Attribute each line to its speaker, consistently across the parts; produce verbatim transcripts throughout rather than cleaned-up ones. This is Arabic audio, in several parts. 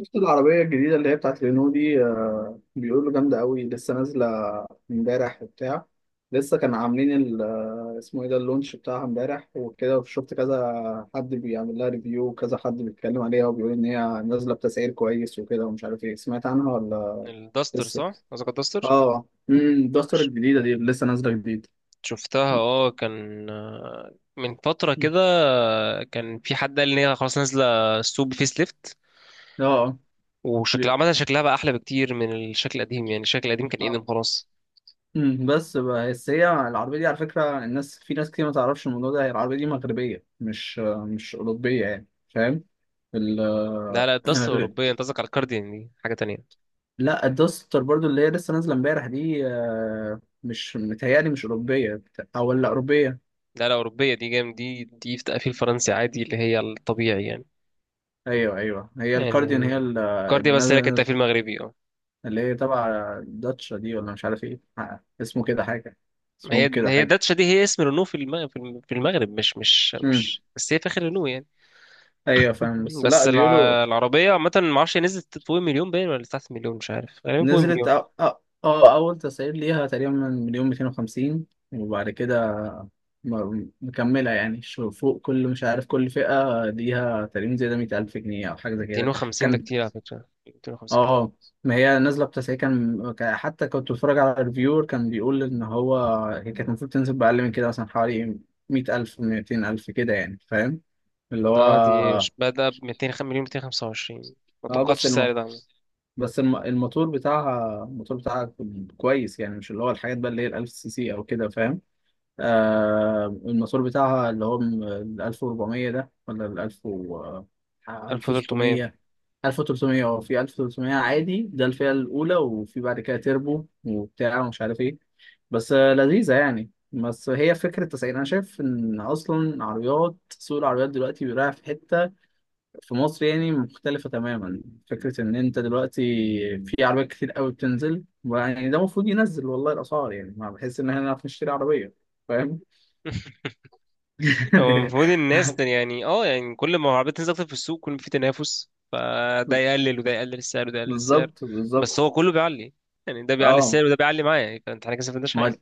Speaker 1: شفت العربية الجديدة اللي هي بتاعت رينو دي آه، بيقولوا جامدة قوي لسه نازلة امبارح وبتاع. لسه كانوا عاملين ال- آه، اسمه ايه ده، اللونش بتاعها امبارح وكده، وشفت كذا حد بيعمل لها ريفيو وكذا حد بيتكلم عليها وبيقول ان هي نازلة بتسعير كويس وكده، ومش عارف ايه. سمعت عنها ولا
Speaker 2: الداستر،
Speaker 1: لسه؟
Speaker 2: صح؟ قصدك الداستر.
Speaker 1: اه. امم الدستر
Speaker 2: ش-
Speaker 1: الجديدة دي اللي لسه نازلة جديد.
Speaker 2: شفتها، اه كان آه، من فترة كده.
Speaker 1: اه،
Speaker 2: آه، كان في حد قال ان هي خلاص نازلة السوق بفيس ليفت،
Speaker 1: اه.
Speaker 2: وشكلها
Speaker 1: بي-
Speaker 2: عامة، شكلها بقى أحلى بكتير من الشكل القديم، يعني الشكل القديم كان ايدن
Speaker 1: آه.
Speaker 2: خلاص.
Speaker 1: مم، بس بقى- بس هي العربية دي على فكرة، الناس، في ناس كتير ما تعرفش الموضوع ده، هي العربية دي مغربية، مش مش أوروبية يعني، فاهم؟ ال...
Speaker 2: لا لا الداستر أوروبية، أنت قصدك على الكارديان، دي حاجة تانية.
Speaker 1: لا، الدوستر برضو اللي هي لسه نازلة امبارح دي، آه، مش متهيألي مش أوروبية. أو ولا أوروبية.
Speaker 2: لا لا أوروبية، دي جام، دي دي في تقفيل فرنسي عادي اللي هي الطبيعي يعني.
Speaker 1: أيوه أيوه، هي الكارديان،
Speaker 2: يعني
Speaker 1: هي ال- اللي
Speaker 2: الكارديان، بس هي كانت
Speaker 1: نازلة.
Speaker 2: تقفيل مغربي، اه.
Speaker 1: اللي هي تبع داتشا دي ولا مش عارف إيه، آه، اسمه كده حاجة،
Speaker 2: ما
Speaker 1: اسمهم
Speaker 2: هي،
Speaker 1: كده
Speaker 2: هي
Speaker 1: حاجة.
Speaker 2: داتشا دي هي اسم رينو في الم- في الم- في المغرب، مش مش
Speaker 1: مم.
Speaker 2: مش بس، هي فاخر رينو يعني.
Speaker 1: أيوه فاهم، بس لا
Speaker 2: بس
Speaker 1: بيقولوا
Speaker 2: الع- العربية عامة، معرفش هي نزلت فوق المليون باين ولا تحت المليون، مش عارف، غالبا فوق المليون.
Speaker 1: نزلت. أ- أ- اه، أو أو أو اول تسعير ليها تقريبا من مليون مئتين وخمسين، وبعد كده م- مكمله يعني. شو- فوق كل، مش عارف، كل فئه ليها تقريبا زي ده مية ألف جنيه او حاجه زي كده.
Speaker 2: مئتين وخمسين ده
Speaker 1: كان
Speaker 2: كتير على فكرة، مئتين وخمسين كتير.
Speaker 1: اه ما هي نازله بتسعير، كان كان- حتى كنت بتفرج على الريفيور، كان بيقول ان هو هي كانت المفروض تنزل باقل من كده، مثلا حوالي مية ألف، ميتين ألف كده يعني فاهم؟ اللي
Speaker 2: اه دي ش-
Speaker 1: هو
Speaker 2: بدأ ب مئتين وخمسة مليون مئتين وخمسة وعشرين، ما
Speaker 1: اه،
Speaker 2: توقعتش
Speaker 1: بس
Speaker 2: السعر ده
Speaker 1: المط...
Speaker 2: عامة.
Speaker 1: بس الم- الموتور بتاعها، الموتور بتاعها كويس يعني، مش اللي هو الحاجات بقى اللي هي ال 1000 سي سي او كده، فاهم؟ آه، الموتور بتاعها اللي هو م- ال ألف وأربعمية ده ولا ال ألف و
Speaker 2: ألف وتلتمية.
Speaker 1: ألف وستمية ألف وتلتمية. اه، في ألف وتلتمية عادي ده الفئة الأولى، وفي بعد كده تربو وبتاع ومش عارف ايه. بس آه، لذيذة يعني. بس هي فكرة التسعير، أنا شايف إن أصلا عربيات، سوق العربيات دلوقتي بيراعي في حتة في مصر يعني مختلفة تماما. فكرة إن أنت دلوقتي في عربيات كتير قوي بتنزل، يعني ده المفروض ينزل والله الأسعار، يعني ما بحس إن إحنا نعرف نشتري عربية، فاهم؟
Speaker 2: هو المفروض، الناس ده يعني اه يعني كل ما العربية تنزل أكتر في السوق، كل ما في تنافس، فده يقلل وده يقلل السعر وده يقلل السعر.
Speaker 1: بالظبط
Speaker 2: بس
Speaker 1: بالظبط.
Speaker 2: هو كله بيعلي، يعني ده بيعلي
Speaker 1: اه.
Speaker 2: السعر وده بيعلي معايا، فانت احنا كده ما استفدناش
Speaker 1: ما
Speaker 2: حاجة.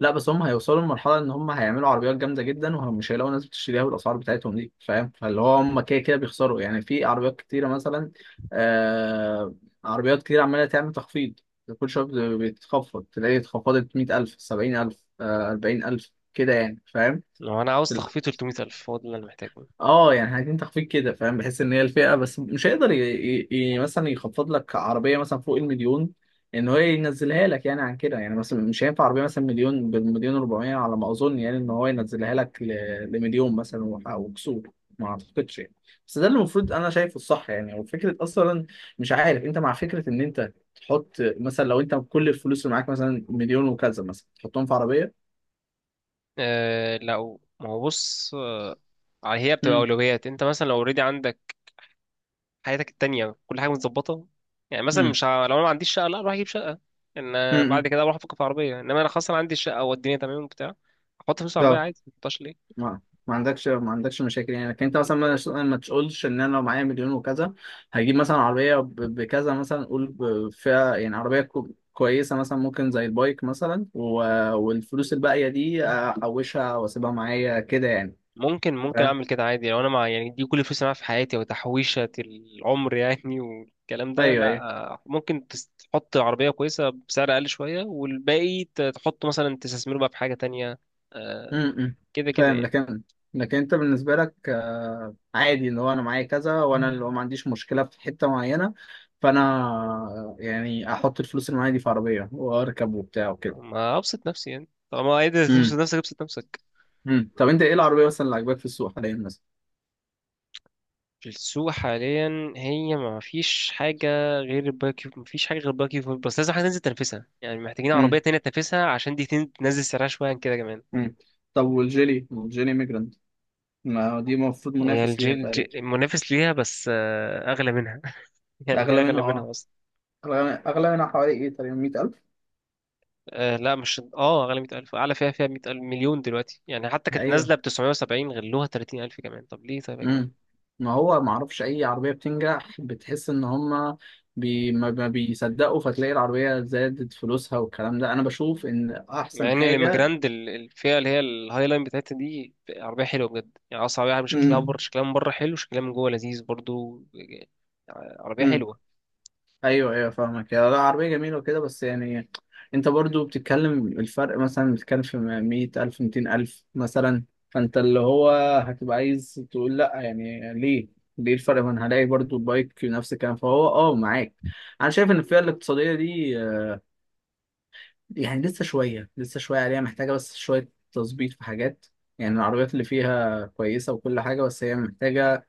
Speaker 1: لا، بس هم هيوصلوا لمرحلة إن هم هيعملوا عربيات جامدة جدا ومش هيلاقوا ناس بتشتريها بالأسعار بتاعتهم دي، فاهم؟ فاللي هو هم كده كده بيخسروا، يعني في عربيات كتيرة مثلا، آه، عربيات كتير عمالة تعمل تخفيض. كل شوية بت- بتخفض، تلاقي اتخفضت مية ألف، سبعين ألف، أربعين ألف كده يعني فاهم؟
Speaker 2: لو انا عاوز تخفيض تلتمية ألف، هو ده اللي انا محتاجه.
Speaker 1: اه يعني عايزين تخفيض كده فاهم، بحيث ان هي الفئه. بس مش هيقدر ي... ي... ي... مثلا يخفض لك عربيه مثلا فوق المليون، ان هو ينزلها لك يعني عن كده. يعني مثلا مش هينفع عربيه مثلا مليون، بالمليون وأربعمية على ما اظن، يعني ان هو ينزلها لك ل... لمليون مثلا وح- وكسور، ما اعتقدش يعني. بس ده اللي المفروض انا شايفه الصح يعني. وفكره اصلا، مش عارف انت مع فكره ان انت تحط مثلا، لو انت كل الفلوس اللي معاك مثلا مليون وكذا، مثلا تحطهم في عربيه.
Speaker 2: آه، لو ما هو بص، آه، هي بتبقى
Speaker 1: امم،
Speaker 2: اولويات. انت مثلا لو اوريدي عندك حياتك التانية كل حاجه متظبطه، يعني مثلا
Speaker 1: امم.
Speaker 2: مش ه... لو انا ما عنديش شقه، لا اروح اجيب شقه. ان آه، بعد
Speaker 1: امم
Speaker 2: كده اروح افكر في عربيه، انما انا خلاص انا عندي الشقه والدنيا تمام وبتاع، احط فلوس في عربيه عادي، ما احطهاش ليه؟
Speaker 1: ما ما عندكش، ما عندكش مشاكل يعني. لكن انت مثلا ما ما تقولش ان انا لو معايا مليون وكذا، هجيب مثلا عربيه ب- بكذا، مثلا قول ب- فيها يعني عربيه كو- كويسه، مثلا ممكن زي البايك مثلا، و- والفلوس الباقيه دي احوشها واسيبها معايا كده يعني.
Speaker 2: ممكن ممكن
Speaker 1: فاهم.
Speaker 2: اعمل كده عادي، لو انا مع يعني دي كل فلوس اللي معايا في حياتي وتحويشه العمر يعني والكلام ده،
Speaker 1: ايوه
Speaker 2: لا.
Speaker 1: ايوه.
Speaker 2: آه، ممكن تس- تحط عربيه كويسه بسعر اقل شويه، والباقي ت- تحطه مثلا تستثمره بقى في حاجه تانية. آه،
Speaker 1: امم.
Speaker 2: كده كده
Speaker 1: فاهم.
Speaker 2: يعني.
Speaker 1: لكن، لكن انت بالنسبه لك، آه، عادي، اللي هو انا معايا كذا، وانا اللي هو ما عنديش مشكله في حته معينه. فانا آه، يعني احط الفلوس اللي معايا دي في عربيه واركب وبتاع وكده.
Speaker 2: ما ابسط نفسي يعني، طالما قادر تبسط نفسك، ابسط نفسك.
Speaker 1: مم. طب انت ايه العربيه مثلا اللي عاجباك في السوق حاليا مثلا؟
Speaker 2: في السوق حاليا هي ما فيش حاجة غير الباربيكيو، ما فيش حاجة غير الباربيكيو فور، بس لازم حاجة تنزل تنافسها، يعني محتاجين عربية
Speaker 1: مم.
Speaker 2: تانية تنافسها عشان دي تن- تنزل سعرها شوية عن كده كمان.
Speaker 1: مم. طب والجيلي، والجيلي ميجرانت، ما دي المفروض
Speaker 2: هي
Speaker 1: منافس
Speaker 2: الجي...
Speaker 1: ليها تقريبا.
Speaker 2: الجي... المنافس ليها، بس آه، أغلى منها يعني هي
Speaker 1: اغلى
Speaker 2: أغلى
Speaker 1: منها،
Speaker 2: منها
Speaker 1: اه.
Speaker 2: أصلا.
Speaker 1: اغلى، اغلى منها حوالي ايه تقريبا؟ مية ألف.
Speaker 2: آه لا مش اه، أغلى مية ألف، أعلى فيها، فيها مية ألف مليون دلوقتي يعني. حتى كانت
Speaker 1: ايوه.
Speaker 2: نازلة بتسعمية وسبعين، غلوها تلاتين ألف كمان، طب ليه؟ طيب يا
Speaker 1: امم.
Speaker 2: جماعة.
Speaker 1: ما هو ما اعرفش اي عربيه بتنجح، بتحس ان هم بي... ما ما بيصدقوا، فتلاقي العربيه زادت فلوسها، والكلام ده انا بشوف ان
Speaker 2: مع
Speaker 1: احسن
Speaker 2: ان
Speaker 1: حاجه.
Speaker 2: الاميجراند ال- الفئه اللي هي الهاي لاين بتاعتها دي عربيه حلوه بجد، يعني اصلا عربيه، شكلها بره، شكلها من بره حلو، شكلها من جوه لذيذ برضو. آه، عربيه
Speaker 1: مم.
Speaker 2: حلوه.
Speaker 1: ايوه ايوه فاهمك. يا لا، عربيه جميله وكده بس يعني، انت برضو بتتكلم الفرق، مثلا بتتكلم في مية ألف، ميتين ألف مثلا. فانت اللي هو هتبقى عايز تقول لا، يعني ليه؟ ليه الفرق؟ ما انا هلاقي برضو بايك نفس الكلام، فهو اه معاك. انا شايف ان الفئه الاقتصاديه دي آه، يعني لسه شويه لسه شويه عليها، محتاجه بس شويه تظبيط في حاجات يعني. العربيات اللي فيها كويسه وكل حاجه، بس هي محتاجه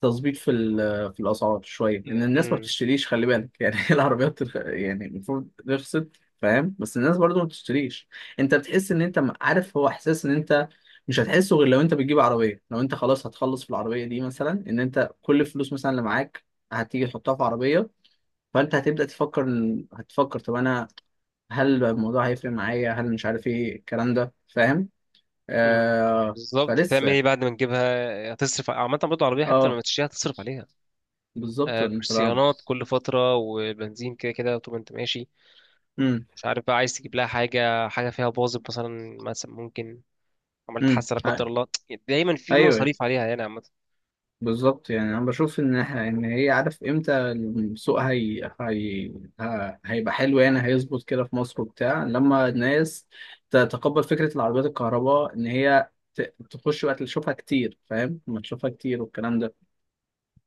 Speaker 1: تظبيط في ال- في الاسعار شويه، لان
Speaker 2: م-
Speaker 1: الناس ما
Speaker 2: م-
Speaker 1: بتشتريش، خلي بالك يعني. العربيات الخ- يعني المفروض رخصت، فاهم؟ بس الناس برضو ما بتشتريش. انت بتحس ان انت م- عارف، هو احساس ان انت مش هتحسه غير لو انت بتجيب عربيه، لو انت خلاص هتخلص في العربيه دي مثلا، ان انت كل الفلوس مثلا اللي معاك هتيجي تحطها في عربيه، فانت هتبدا تفكر إن- هتفكر، طب انا هل الموضوع هيفرق معايا، هل مش عارف ايه الكلام ده، فاهم؟
Speaker 2: م.
Speaker 1: آه
Speaker 2: بالظبط، تعمل
Speaker 1: فلسه.
Speaker 2: ايه بعد ما تجيبها؟ هتصرف. عامه برضو عربيه، حتى لما
Speaker 1: اه
Speaker 2: تشتريها هتصرف عليها.
Speaker 1: بالظبط.
Speaker 2: آه،
Speaker 1: ولا انت لا.
Speaker 2: صيانات كل فتره، وبنزين، كده كده طول ما انت ماشي. مش عارف بقى، عايز تجيب لها حاجه، حاجه فيها باظت مثلا، مثلا ممكن عملت حادثه لا قدر
Speaker 1: امم.
Speaker 2: الله، دايما في
Speaker 1: ايوه
Speaker 2: مصاريف عليها يعني.
Speaker 1: بالظبط. يعني انا بشوف ان إح- ان هي، عارف امتى السوق هي... هي... ه- هيبقى حلو يعني، هيظبط كده في مصر وبتاع، لما الناس تتقبل فكره العربيات الكهرباء، ان هي ت... تخش وقت، تشوفها كتير فاهم، ما تشوفها كتير والكلام ده.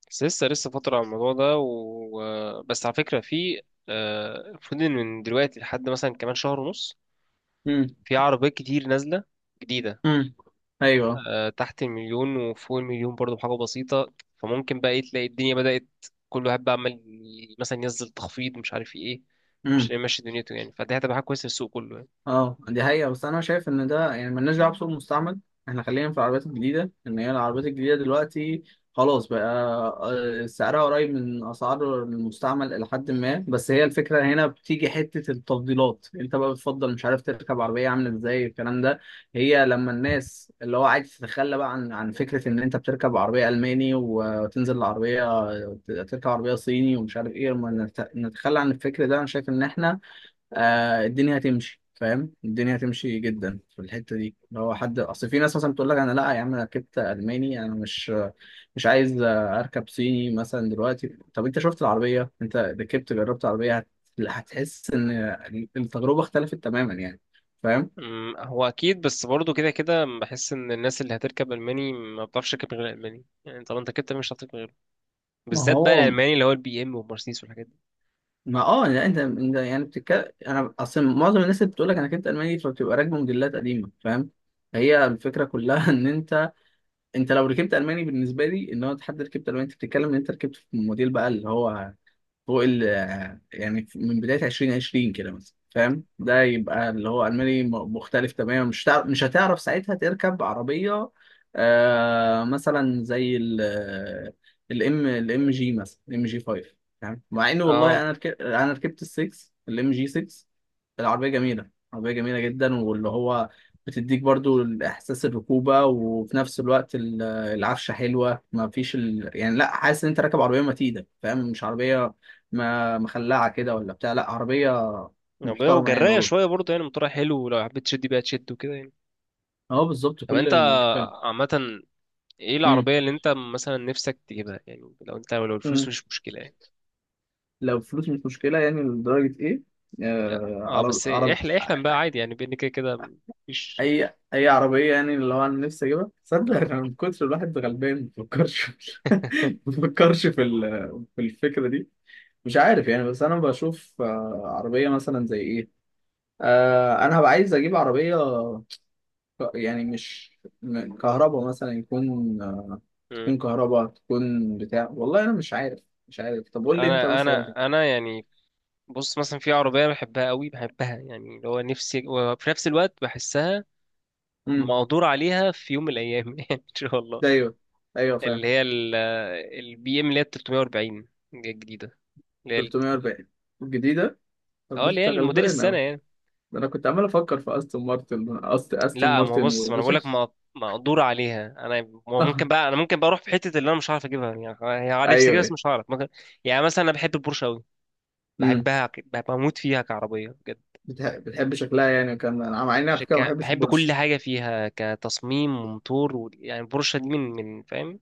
Speaker 2: بس لسه لسه فترة على الموضوع ده و... و- بس على فكرة في آه، المفروض إن من دلوقتي لحد مثلا كمان شهر ونص،
Speaker 1: امم،
Speaker 2: في عربيات كتير نازلة جديدة.
Speaker 1: امم. ايوه.
Speaker 2: آه، تحت المليون وفوق المليون برضه بحاجة بسيطة، فممكن بقى إيه، تلاقي الدنيا بدأت كل واحد بقى عمال ي- مثلا ينزل تخفيض، مش عارف ايه، مش
Speaker 1: امم.
Speaker 2: ماشي دنيته يعني، فدي هتبقى حاجة كويسة في السوق كله يعني.
Speaker 1: اه دي حقيقة. بس انا شايف ان ده يعني ملناش دعوة بسوق المستعمل، احنا خلينا في العربيات الجديدة. ان هي العربيات الجديدة دلوقتي خلاص بقى، آه، سعرها قريب من اسعار المستعمل الى حد ما. بس هي الفكرة هنا بتيجي حتة التفضيلات، انت بقى بتفضل مش عارف تركب عربية عاملة ازاي الكلام ده. هي لما الناس اللي هو عايز تتخلى بقى عن عن فكرة ان انت بتركب عربية الماني وتنزل العربية، تركب عربية صيني ومش عارف ايه، لما نت- نتخلى عن الفكر ده، انا شايف ان احنا آه الدنيا هتمشي، فاهم؟ الدنيا هتمشي جدا في الحته دي. اللي هو حد اصل في ناس مثلا بتقول لك، انا لا يا عم، انا ركبت الماني، انا مش مش عايز آه، اركب صيني مثلا دلوقتي. طب انت شفت العربيه؟ انت ركبت، جربت عربيه هت- هتحس ان التجربه اختلفت تماما يعني، فاهم؟
Speaker 2: أمم، هو أكيد، بس برضه كده كده بحس إن الناس اللي هتركب ألماني ما بتعرفش تركب غير الألماني، يعني طالما أنت ركبت ألماني مش هتعرف تركب غيره،
Speaker 1: ما
Speaker 2: بالذات بقى
Speaker 1: هو
Speaker 2: الألماني اللي هو البي إم والمرسيدس والحاجات دي.
Speaker 1: ما اه لا، انت انت يعني بتتكلم، انا اصل معظم الناس اللي بتقول لك انا ركبت الماني، فبتبقى راكبه موديلات قديمه فاهم. هي الفكره كلها ان انت، انت لو ركبت الماني بالنسبه لي، ان هو حد ركبت الماني، انت بتتكلم ان انت ركبت في موديل بقى اللي هو فوق ال، يعني من بداية عشرين عشرين كده مثلا، فاهم؟ ده يبقى اللي هو ألماني م- مختلف تماما. مش هتعرف مش هتعرف ساعتها تركب عربية، آه مثلا زي ال الام الام جي، مثلا الام جي فايف، فاهم؟ مع ان
Speaker 2: اه
Speaker 1: والله انا ركبت، انا ركبت ال سكس، الام جي سكس. العربية جميلة، عربية جميلة جدا. واللي هو بتديك برضو احساس الركوبة، وفي نفس الوقت ال- العفشة حلوة، ما فيش ال... يعني لا، حاسس ان انت راكب عربية متينة فاهم، مش عربية ما مخلعه كده ولا بتاع، لا عربيه
Speaker 2: بقى،
Speaker 1: محترمه يعني
Speaker 2: وجراية
Speaker 1: والله.
Speaker 2: شوية برضه، يعني موتورها حلو، ولو حبيت تشد بيها تشد وكده يعني.
Speaker 1: اه بالظبط
Speaker 2: طب
Speaker 1: كل
Speaker 2: انت
Speaker 1: الكلام.
Speaker 2: عامة ايه
Speaker 1: امم.
Speaker 2: العربية اللي انت مثلا نفسك تجيبها يعني، لو انت لو الفلوس
Speaker 1: امم.
Speaker 2: مش مشكلة يعني؟
Speaker 1: لو فلوس مش مشكله يعني لدرجه ايه؟
Speaker 2: يعني-
Speaker 1: آه،
Speaker 2: اه
Speaker 1: عرب
Speaker 2: بس
Speaker 1: عرب
Speaker 2: احلم، احلم بقى عادي يعني، بان كده كده مفيش.
Speaker 1: اي اي عربيه يعني. اللي هو انا نفسي اجيبها، تصدق
Speaker 2: اه.
Speaker 1: انا من كتر الواحد غلبان ما بفكرش، ما بفكرش في ال- في الفكره دي. مش عارف يعني. بس انا بشوف آه، عربيه مثلا زي ايه، آه انا هبقى عايز اجيب عربيه ك- يعني مش كهرباء، مثلا يكون،
Speaker 2: مم.
Speaker 1: تكون كهرباء، تكون بتاع، والله انا مش عارف، مش عارف. طب قول لي انت
Speaker 2: انا
Speaker 1: مثلا.
Speaker 2: انا انا يعني، بص، مثلا في عربية بحبها قوي بحبها، يعني اللي هو نفسي، وفي نفس الوقت بحسها
Speaker 1: امم.
Speaker 2: مقدور عليها في يوم من الايام يعني ان شاء الله.
Speaker 1: ده ايوه ايوه فاهم.
Speaker 2: اللي هي البي ام اللي هي تلتمية وأربعين الجديدة.
Speaker 1: تلاتمية وأربعين الجديده. طب
Speaker 2: اه
Speaker 1: ده
Speaker 2: اللي هي
Speaker 1: انت
Speaker 2: المدير
Speaker 1: غلبان اهو.
Speaker 2: السنه يعني.
Speaker 1: ده انا كنت عمال افكر في استون مارتن، أست... استون
Speaker 2: لا، ما هو
Speaker 1: مارتن
Speaker 2: بص، ما انا
Speaker 1: ومش
Speaker 2: بقول لك
Speaker 1: عارف.
Speaker 2: مقدور عليها. انا، ما هو ممكن
Speaker 1: آه،
Speaker 2: بقى، انا ممكن بقى اروح في حته اللي انا مش هعرف اجيبها، يعني هي نفسي
Speaker 1: ايوه
Speaker 2: اجيبها بس
Speaker 1: ايوه.
Speaker 2: مش هعرف، ممكن يعني. مثلا انا بحب البورشه قوي،
Speaker 1: امم.
Speaker 2: بحبها ك- بموت فيها كعربيه بجد.
Speaker 1: بتح... بتحب شكلها يعني، وكان انا مع اني على فكره ما
Speaker 2: ك-
Speaker 1: بحبش
Speaker 2: بحب كل
Speaker 1: البورش.
Speaker 2: حاجه فيها، كتصميم وموتور و... يعني البورشه دي من من فاهم،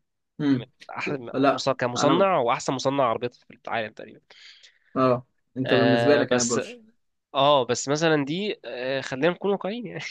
Speaker 2: من
Speaker 1: امم.
Speaker 2: احسن
Speaker 1: لا
Speaker 2: مص-
Speaker 1: انا
Speaker 2: كمصنع، واحسن مصنع عربيات في العالم تقريبا.
Speaker 1: اه، انت بالنسبه
Speaker 2: آه
Speaker 1: لك انا
Speaker 2: بس،
Speaker 1: بورش.
Speaker 2: اه بس مثلا دي آه، خلينا نكون واقعيين يعني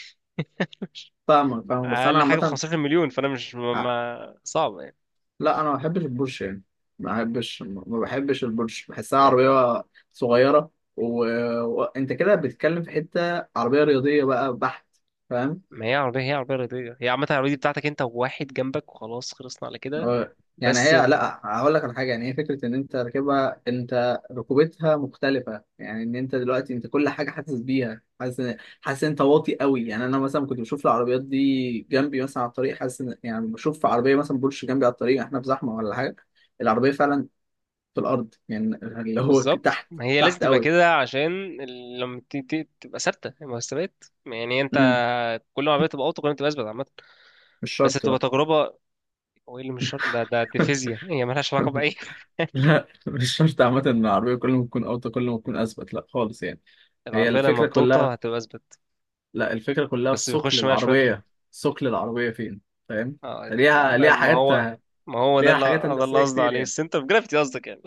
Speaker 1: فاهمك فاهمك، بس انا
Speaker 2: اقل حاجه ب
Speaker 1: عامه
Speaker 2: خمستاشر مليون، فانا مش ما ما- صعب يعني،
Speaker 1: لا انا ما بحبش البورش يعني، ما بحبش ما بحبش البورش، بحسها
Speaker 2: يعني
Speaker 1: عربيه صغيره. و- وانت كده بتتكلم في حته عربيه رياضيه بقى بحت، فاهم؟
Speaker 2: ما هي عربيه، هي عربيه رياضيه، هي عامه العربيه دي بتاعتك انت وواحد جنبك وخلاص، خلصنا على كده.
Speaker 1: آه، يعني
Speaker 2: بس
Speaker 1: هي، لا هقول لك على حاجه يعني، هي فكره ان انت راكبها، انت ركوبتها مختلفه يعني، ان انت دلوقتي انت كل حاجه حاسس بيها، حاسس إن- حاسس إن انت واطي قوي يعني. انا مثلا كنت بشوف العربيات دي جنبي مثلا على الطريق، حاسس إن- يعني بشوف عربيه مثلا بورش جنبي على الطريق، احنا في زحمه ولا حاجه، العربيه فعلا في الارض يعني اللي هو ك-
Speaker 2: بالظبط،
Speaker 1: تحت،
Speaker 2: ما هي لازم
Speaker 1: تحت
Speaker 2: تبقى
Speaker 1: قوي.
Speaker 2: كده عشان ال- لما ت- ت- تبقى ثابته المستويات، يعني انت
Speaker 1: امم.
Speaker 2: كل ما العربيه تبقى اوطى، كل ما تبقى اثبت عامه.
Speaker 1: مش
Speaker 2: بس
Speaker 1: شرط لا.
Speaker 2: تبقى تجربه. هو ايه اللي مش شرط ده؟ ده دي فيزياء، هي مالهاش علاقه باي حاجه.
Speaker 1: لا، مش شرط عامة ان العربية كل ما تكون اوطى كل ما تكون اثبت، لا خالص يعني. هي
Speaker 2: العربيه لما
Speaker 1: الفكرة
Speaker 2: بتوطى
Speaker 1: كلها،
Speaker 2: هتبقى اثبت،
Speaker 1: لا الفكرة كلها في
Speaker 2: بس
Speaker 1: ثقل
Speaker 2: بيخش بقى شويه.
Speaker 1: العربية. ثقل العربية فين، فاهم؟
Speaker 2: اه،
Speaker 1: ليها
Speaker 2: ما
Speaker 1: ليها
Speaker 2: ما
Speaker 1: حاجات،
Speaker 2: هو ما هو ده
Speaker 1: ليها
Speaker 2: اللي
Speaker 1: حاجات
Speaker 2: ده اللي
Speaker 1: هندسية
Speaker 2: قصدي
Speaker 1: كتير
Speaker 2: عليه،
Speaker 1: يعني.
Speaker 2: السنتر جرافيتي قصدك يعني.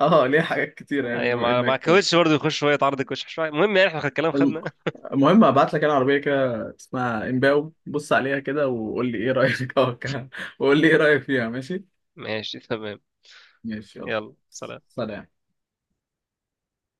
Speaker 1: اه ليها حاجات كتير يعني
Speaker 2: ايوه،
Speaker 1: بما
Speaker 2: مع مع
Speaker 1: انك.
Speaker 2: كوتش برضه، يخش شويه، يتعرض الكوتش شويه، المهم يعني احنا الكلام
Speaker 1: الم-
Speaker 2: خدنا.
Speaker 1: المهم، هبعت لك انا عربية كده اسمها امباو، بص عليها كده وقول لي ايه رأيك، اه. وقول لي ايه رأيك فيها، ماشي؟
Speaker 2: ماشي تمام.
Speaker 1: ماشي يلا.
Speaker 2: يلا سلام.
Speaker 1: سلام.